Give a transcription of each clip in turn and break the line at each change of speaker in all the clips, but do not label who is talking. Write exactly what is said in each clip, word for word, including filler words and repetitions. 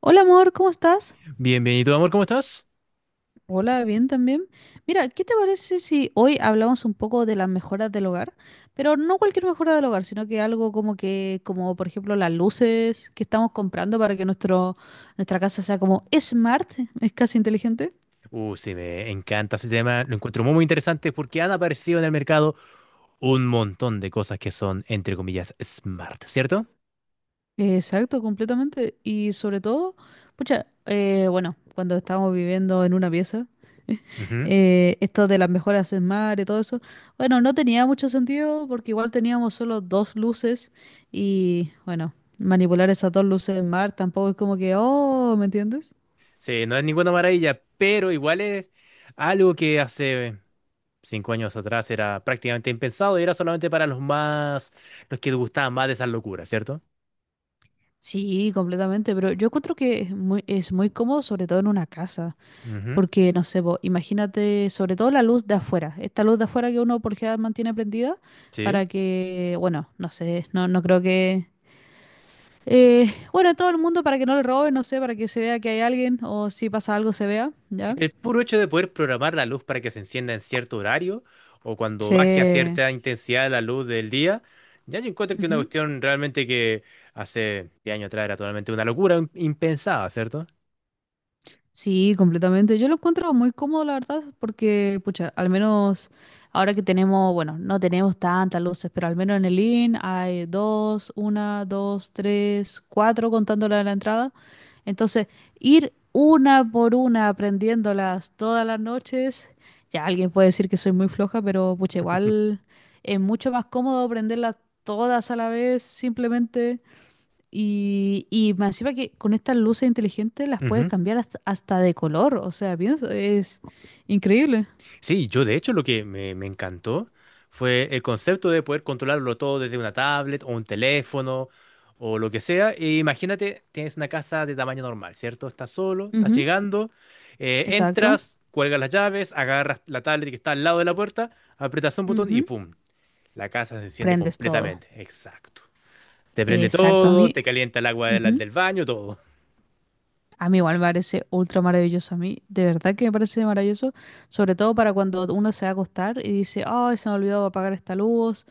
Hola amor, ¿cómo estás?
Bienvenido, amor, ¿cómo estás?
Hola, bien también. Mira, ¿qué te parece si hoy hablamos un poco de las mejoras del hogar? Pero no cualquier mejora del hogar, sino que algo como que, como por ejemplo las luces que estamos comprando para que nuestro, nuestra casa sea como smart, es casi inteligente.
Uh, sí, me encanta ese tema, lo encuentro muy, muy interesante porque han aparecido en el mercado un montón de cosas que son, entre comillas, smart, ¿cierto?
Exacto, completamente. Y sobre todo, pucha, eh, bueno, cuando estábamos viviendo en una pieza.
Ujú.
Eh, esto de las mejoras en mar y todo eso. Bueno, no tenía mucho sentido porque igual teníamos solo dos luces y bueno, manipular esas dos luces en mar tampoco es como que, oh, ¿me entiendes?
Sí, no es ninguna maravilla, pero igual es algo que hace cinco años atrás era prácticamente impensado y era solamente para los más, los que gustaban más de esas locuras, ¿cierto?
Sí, completamente, pero yo encuentro que es muy, es muy cómodo, sobre todo en una casa,
Ujú.
porque no sé, po, imagínate, sobre todo la luz de afuera, esta luz de afuera que uno por lo general mantiene prendida para
Sí.
que, bueno, no sé, no, no creo que. Eh, bueno, en todo el mundo para que no le roben, no sé, para que se vea que hay alguien o si pasa algo se vea, ¿ya?
El puro hecho de poder programar la luz para que se encienda en cierto horario o cuando baje a
Sí.
cierta intensidad la luz del día, ya yo encuentro que es una
Ujú.
cuestión realmente que hace diez años atrás era totalmente una locura im- impensada, ¿cierto?
Sí, completamente. Yo lo encuentro muy cómodo, la verdad, porque, pucha, al menos ahora que tenemos, bueno, no tenemos tantas luces, pero al menos en el living hay dos, una, dos, tres, cuatro contando la de la entrada. Entonces, ir una por una aprendiéndolas todas las noches, ya alguien puede decir que soy muy floja, pero pucha, igual es mucho más cómodo aprenderlas todas a la vez simplemente. Y, y más encima que con estas luces inteligentes las puedes
Ujú.
cambiar hasta, hasta de color, o sea, pienso, es increíble.
Sí, yo de hecho lo que me, me encantó fue el concepto de poder controlarlo todo desde una tablet o un teléfono o lo que sea. E imagínate, tienes una casa de tamaño normal, ¿cierto? Estás solo, estás
Ujú.
llegando, eh,
Exacto.
entras, cuelgas las llaves, agarras la tablet que está al lado de la puerta, aprietas un botón y
Ujú.
¡pum! La casa se enciende
Prendes todo.
completamente. Exacto. Te prende
Exacto, a
todo,
mí.
te calienta el agua del,
Ujú.
del baño, todo.
A mí igual me parece ultra maravilloso. A mí, de verdad que me parece maravilloso, sobre todo para cuando uno se va a acostar y dice, ay, se me olvidó apagar esta luz.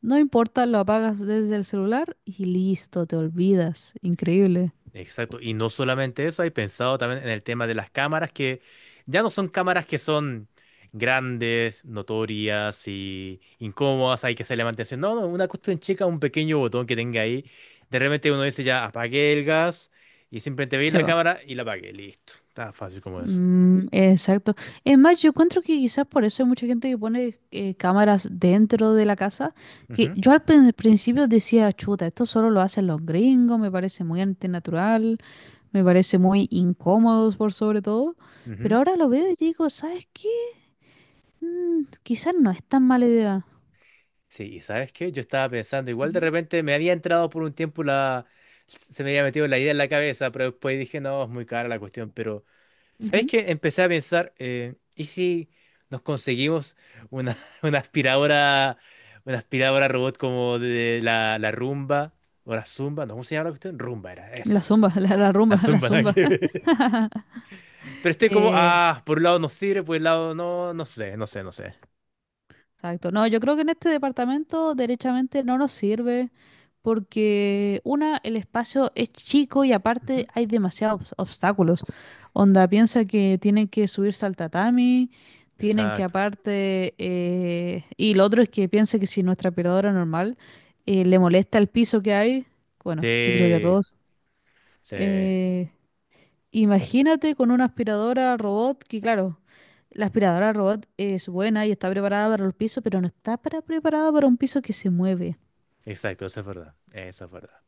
No importa, lo apagas desde el celular y listo, te olvidas. Increíble.
Exacto, y no solamente eso, hay pensado también en el tema de las cámaras, que ya no son cámaras que son grandes, notorias y incómodas, hay que hacerle mantención. No, no, una cuestión chica, un pequeño botón que tenga ahí. De repente uno dice ya apagué el gas y simplemente veis
Se
la
va.
cámara y la apagué, listo. Tan fácil como eso.
Mm, exacto. Es más, yo encuentro que quizás por eso hay mucha gente que pone eh, cámaras dentro de la casa, que yo al prin- principio decía, chuta, esto solo lo hacen los gringos, me parece muy antinatural. Me parece muy incómodo por sobre todo,
Ujú, ujú.
pero ahora lo veo y digo, ¿sabes qué? Mm, quizás no es tan mala idea.
Sí, y ¿sabes qué? Yo estaba pensando, igual de
Ujú,
repente me había entrado por un tiempo la... Se me había metido la idea en la cabeza, pero después dije, no, es muy cara la cuestión, pero... ¿Sabéis
ujú.
que empecé a pensar? Eh, ¿y si nos conseguimos una, una aspiradora, una aspiradora robot como de la, la Rumba o la Zumba? No, ¿cómo se llama la cuestión? Rumba era
La
eso.
zumba, la, la
La
rumba, la
Zumba, nada
zumba.
que ver. Pero estoy como,
Eh,
ah, por un lado nos sirve, por el lado no, no sé, no sé, no sé.
exacto. No, yo creo que en este departamento derechamente no nos sirve. Porque una, el espacio es chico y aparte
Ujú.
hay demasiados obs- obstáculos. Onda, piensa que tienen que subirse al tatami, tienen que
Exacto.
aparte. Eh, y lo otro es que piensa que si nuestra aspiradora normal eh, le molesta el piso que hay, bueno, yo creo que a
Sí,
todos.
sí,
eh, Imagínate con una aspiradora robot que, claro, la aspiradora robot es buena y está preparada para los pisos, pero no está para- preparada para un piso que se mueve.
exacto, eso es verdad, eso es verdad.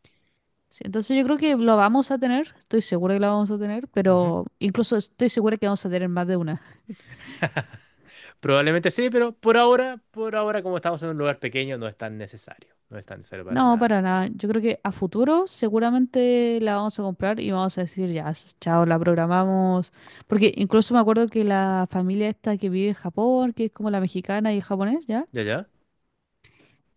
Sí, entonces yo creo que lo vamos a tener, estoy segura que lo vamos a tener,
Ujú.
pero incluso estoy segura que vamos a tener más de una.
Probablemente sí, pero por ahora, por ahora como estamos en un lugar pequeño, no es tan necesario, no es tan necesario para
No,
nada.
para nada. Yo creo que a futuro seguramente la vamos a comprar y vamos a decir, ya, s- chao, la programamos. Porque incluso me acuerdo que la familia esta que vive en Japón, que es como la mexicana y el japonés, ¿ya?
¿Ya, ya?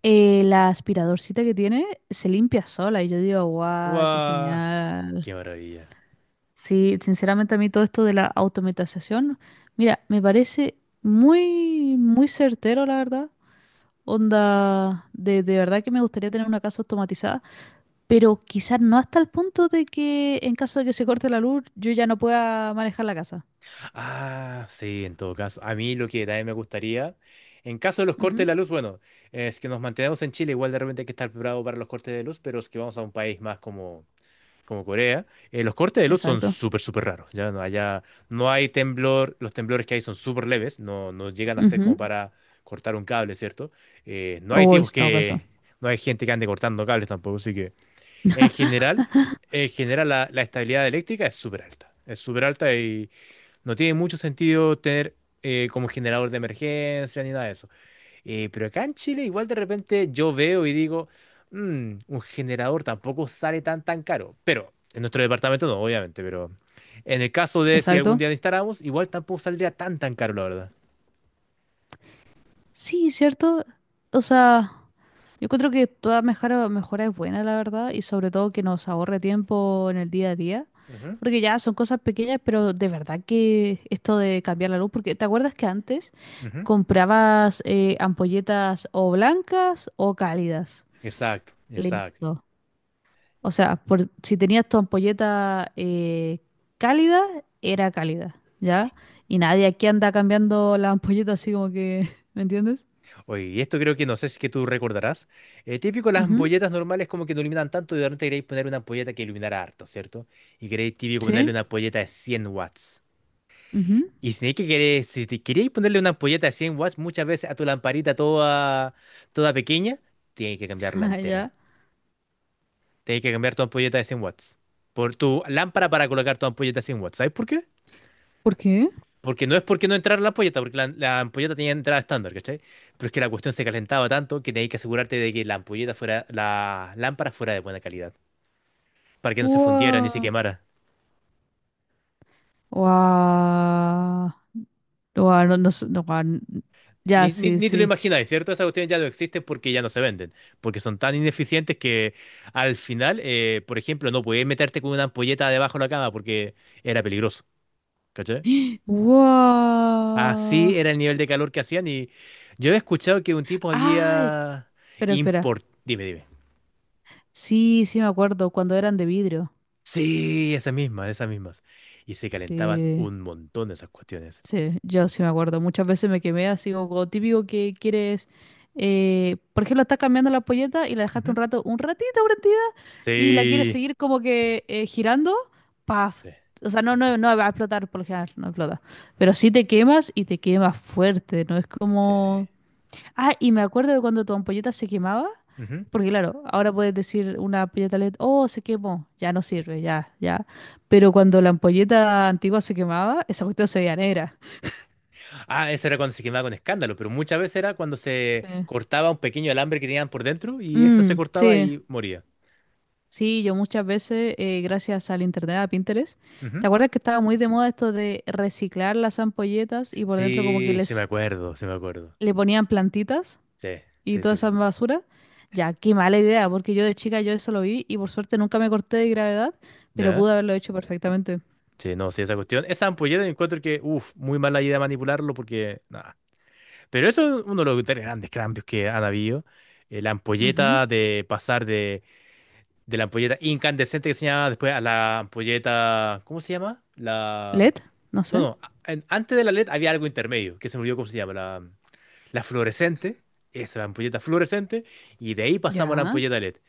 eh, La aspiradorcita que tiene se limpia sola y yo digo, guau, qué
Guau,
genial.
¡qué maravilla!
Sí, sinceramente a mí todo esto de la automatización, mira, me parece muy, muy certero, la verdad. Onda, de, de verdad que me gustaría tener una casa automatizada, pero quizás no hasta el punto de que en caso de que se corte la luz, yo ya no pueda manejar la casa.
Ah, sí, en todo caso. A mí lo que también me gustaría, en caso de los cortes de
Ujú.
la luz, bueno, es que nos mantenemos en Chile, igual de repente hay que estar preparado para los cortes de luz, pero es que vamos a un país más como, como Corea. Eh, los cortes de luz son
Exacto.
súper, súper raros. Ya no, allá no hay temblor, los temblores que hay son súper leves, no, no llegan a ser como
Ujú.
para cortar un cable, ¿cierto? Eh, no
O
hay
en
tipos
todo caso.
que, no hay gente que ande cortando cables tampoco, así que... En general, en general la, la estabilidad eléctrica es súper alta. Es súper alta y no tiene mucho sentido tener eh, como generador de emergencia ni nada de eso. Eh, pero acá en Chile igual de repente yo veo y digo, "Mm, un generador tampoco sale tan tan caro. Pero en nuestro departamento no, obviamente, pero en el caso de si algún
Exacto.
día lo instalamos, igual tampoco saldría tan tan caro, la verdad."
Sí, cierto. O sea, yo encuentro que toda mejora, mejora es buena, la verdad, y sobre todo que nos ahorre tiempo en el día a día.
Ujú,
Porque ya son cosas pequeñas, pero de verdad que esto de cambiar la luz, porque ¿te acuerdas que antes
ujú.
comprabas eh, ampolletas o blancas o cálidas?
Exacto, exacto.
Listo. O sea, por, si tenías tu ampolleta eh, cálida, era cálida, ¿ya? Y nadie aquí anda cambiando la ampolleta así como que, ¿me entiendes?
Oye, y esto creo que no sé si es que tú recordarás. Eh, típico las
Ujú.
ampolletas normales como que no iluminan tanto y de repente queréis poner una ampolleta que iluminara harto, ¿cierto? Y queréis típico ponerle
Sí.
una ampolleta de cien watts.
Ujú.
Y si tenéis que querer- si te queréis ponerle una ampolleta de cien watts, muchas veces a tu lamparita toda, toda pequeña, tienes que cambiarla
Ah, ya.
entera. Tienes que cambiar tu ampolleta de cien watts. Por tu lámpara para colocar tu ampolleta de cien watts. ¿Sabes por qué?
¿Por qué?
Porque no es porque no entrara la ampolleta, porque la, la ampolleta tenía entrada estándar, ¿cachai? Pero es que la cuestión se calentaba tanto que tenías que asegurarte de que la ampolleta fuera, la lámpara fuera de buena calidad, para que no se fundiera ni se
Wow.
quemara.
Wow. Wow, no, no, sé, no, guau, n- ya,
Ni, ni,
sí,
ni te lo
sí.
imagináis, ¿cierto? Esas cuestiones ya no existen porque ya no se venden, porque son tan ineficientes que al final, eh, por ejemplo, no podías meterte con una ampolleta debajo de la cama porque era peligroso, ¿cachai?
¡Wow!
Así era el nivel de calor que hacían y yo he escuchado que un tipo
¡Ay!
había
Espera, espera.
import... Dime, dime.
Sí, sí me acuerdo, cuando eran de vidrio.
Sí, esas mismas, esas mismas. Y se calentaban
Sí,
un montón esas cuestiones.
sí, yo sí me acuerdo. Muchas veces me quemé así como, como típico que quieres. Eh, por ejemplo, estás cambiando la polleta y la dejaste
Ujú.
un rato, un ratito prendida, y la quieres
Sí.
seguir como que eh, girando, ¡paf!
Sí.
O sea, no, no,
Exacto.
no va a explotar por lo general, no explota. Pero sí te quemas y te quemas fuerte, no es
Sí.
como. Ah, y me acuerdo de cuando tu ampolleta se quemaba,
Ujú.
porque claro, ahora puedes decir una ampolleta L E D, oh, se quemó, ya no
Sí.
sirve, ya, ya. Pero cuando la ampolleta antigua se quemaba, esa cuestión se veía negra.
Ah, ese era cuando se quemaba con escándalo, pero muchas veces era cuando
Sí.
se cortaba un pequeño alambre que tenían por dentro y eso se
Mm,
cortaba
sí,
y moría.
sí, yo muchas veces, eh, gracias al internet, a Pinterest, ¿te
Ujú.
acuerdas que estaba muy de moda esto de reciclar las ampolletas y por dentro como que
Sí, sí me
les
acuerdo, sí me acuerdo.
le ponían plantitas?
Sí,
Y
sí,
toda
sí,
esa
sí.
basura. Ya, qué mala idea, porque yo de chica yo eso lo vi y por suerte nunca me corté de gravedad, pero
¿Ya?
pude haberlo hecho perfectamente.
Sí, no, sí, esa cuestión. Esa ampolleta encuentro que, uff, muy mala idea manipularlo porque, no, pero eso es uno de los tres grandes cambios que han habido. Eh, la
Ujú.
ampolleta de pasar de, de, la ampolleta incandescente que se llamaba después a la ampolleta. ¿Cómo se llama? La.
L E D, no
No,
sé.
no. a- en- antes de la L E D había algo intermedio que se me olvidó cómo se llama. La, la fluorescente. Esa, la ampolleta fluorescente. Y de ahí pasamos a la
Ya.
ampolleta L E D.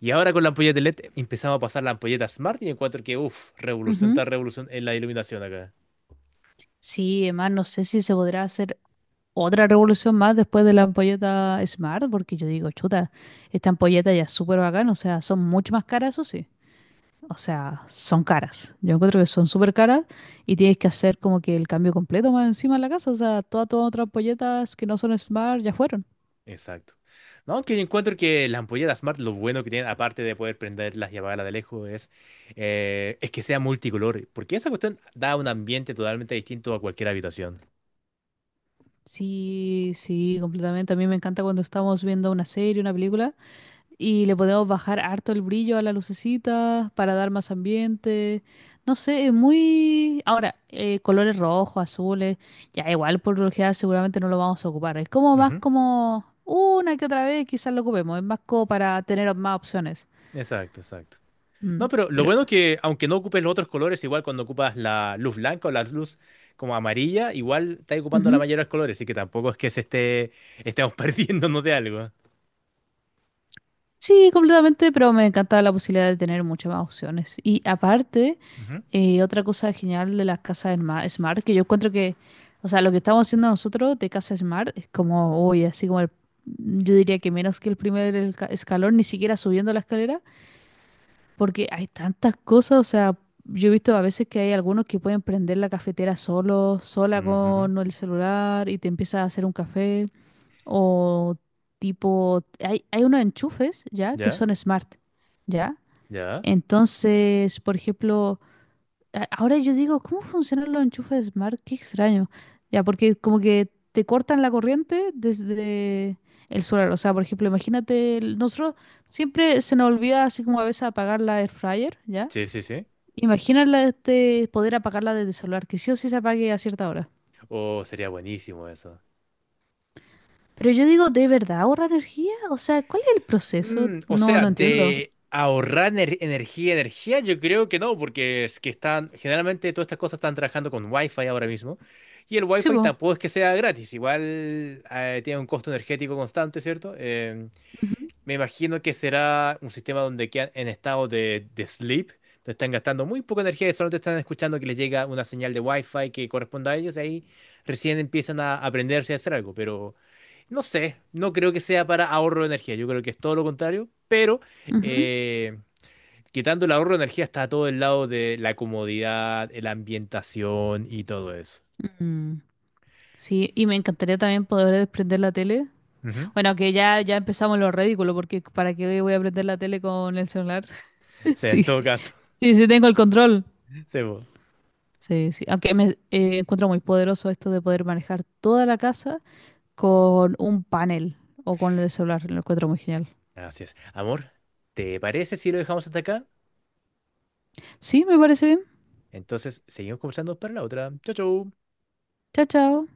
Y ahora con la ampolleta L E D empezamos a pasar la ampolleta Smart y encuentro que, uff, revolución
Ujú.
tras revolución en la iluminación acá.
Sí, además no sé si se podrá hacer otra revolución más después de la ampolleta Smart, porque yo digo, chuta, esta ampolleta ya es súper bacán, o sea, son mucho más caras, eso sí. O sea, son caras. Yo encuentro que son súper caras y tienes que hacer como que el cambio completo más encima de la casa. O sea, toda, toda otra ampolletas que no son Smart ya fueron.
Exacto. No, que yo encuentro que las ampolletas Smart, lo bueno que tienen, aparte de poder prenderlas y apagarlas de lejos, es, eh, es que sea multicolor, porque esa cuestión da un ambiente totalmente distinto a cualquier habitación.
Sí, sí, completamente. A mí me encanta cuando estamos viendo una serie, una película, y le podemos bajar harto el brillo a la lucecita para dar más ambiente. No sé, es muy. Ahora, eh, colores rojos, azules, ya igual por lo general seguramente no lo vamos a ocupar. Es como más
Ujú.
como una que otra vez quizás lo ocupemos. Es más como para tener más opciones.
Exacto, exacto. No,
Mm,
pero lo
pero.
bueno que, aunque no ocupes los otros colores, igual cuando ocupas la luz blanca o la luz como amarilla, igual estás ocupando la
Ujú.
mayoría de los colores, así que tampoco es que se esté, estemos perdiéndonos de algo.
Sí, completamente, pero me encantaba la posibilidad de tener muchas más opciones. Y aparte.
Ujú.
Y otra cosa genial de las casas sma- Smart, que yo encuentro que, o sea, lo que estamos haciendo nosotros de casa Smart es como, uy, así como el- yo diría que menos que el primer elca- escalón, ni siquiera subiendo la escalera, porque hay tantas cosas, o sea, yo he visto a veces que hay algunos que pueden prender la cafetera solo, sola
Ujú.
con el celular y te empieza a hacer un café, o tipo, hay, hay unos enchufes, ¿ya? Que
¿Ya?
son Smart, ¿ya?
¿Ya?
Entonces, por ejemplo a- ahora yo digo, ¿cómo funcionan los enchufes Smart? Qué extraño. Ya, porque como que te cortan la corriente desde el solar. O sea, por ejemplo, imagínate, el- nosotros siempre se nos olvida así como a veces apagar la air fryer, ¿ya?
Sí, sí, sí.
Imagínala este, poder apagarla desde el solar, que sí o sí se apague a cierta hora.
Oh, sería buenísimo eso.
Pero yo digo, ¿de verdad ahorra energía? O sea, ¿cuál es el proceso?
Mm, o
No,
sea,
no entiendo.
de ahorrar ener- energía, energía, yo creo que no, porque es que están, generalmente todas estas cosas están trabajando con Wi-Fi ahora mismo, y el
Sí,
Wi-Fi
po.
tampoco es que sea gratis, igual eh, tiene un costo energético constante, ¿cierto? Em,
Ujú,
me imagino que será un sistema donde quedan en estado de, de, sleep, donde están gastando muy poca energía y solo te están escuchando que les llega una señal de Wi-Fi que corresponda a ellos, y ahí recién empiezan a aprenderse a hacer algo, pero... No sé, no creo que sea para ahorro de energía, yo creo que es todo lo contrario, pero eh, quitando el ahorro de energía está todo el lado de la comodidad, la ambientación y todo eso.
ujú. Mm, sí, y me encantaría también poder desprender la tele.
Ujú.
Bueno, que ya, ya empezamos lo ridículo, porque ¿para qué voy a prender la tele con el celular?
Sí, en
Sí,
todo caso,
sí, sí tengo el control.
sí, po.
Sí, sí. Aunque me eh, encuentro muy poderoso esto de poder manejar toda la casa con un panel o con el celular. Lo encuentro muy genial.
Así es. Amor, ¿te parece si lo dejamos hasta acá?
Sí, me parece bien.
Entonces, seguimos conversando para la otra. Chau, chau.
Chao, chao.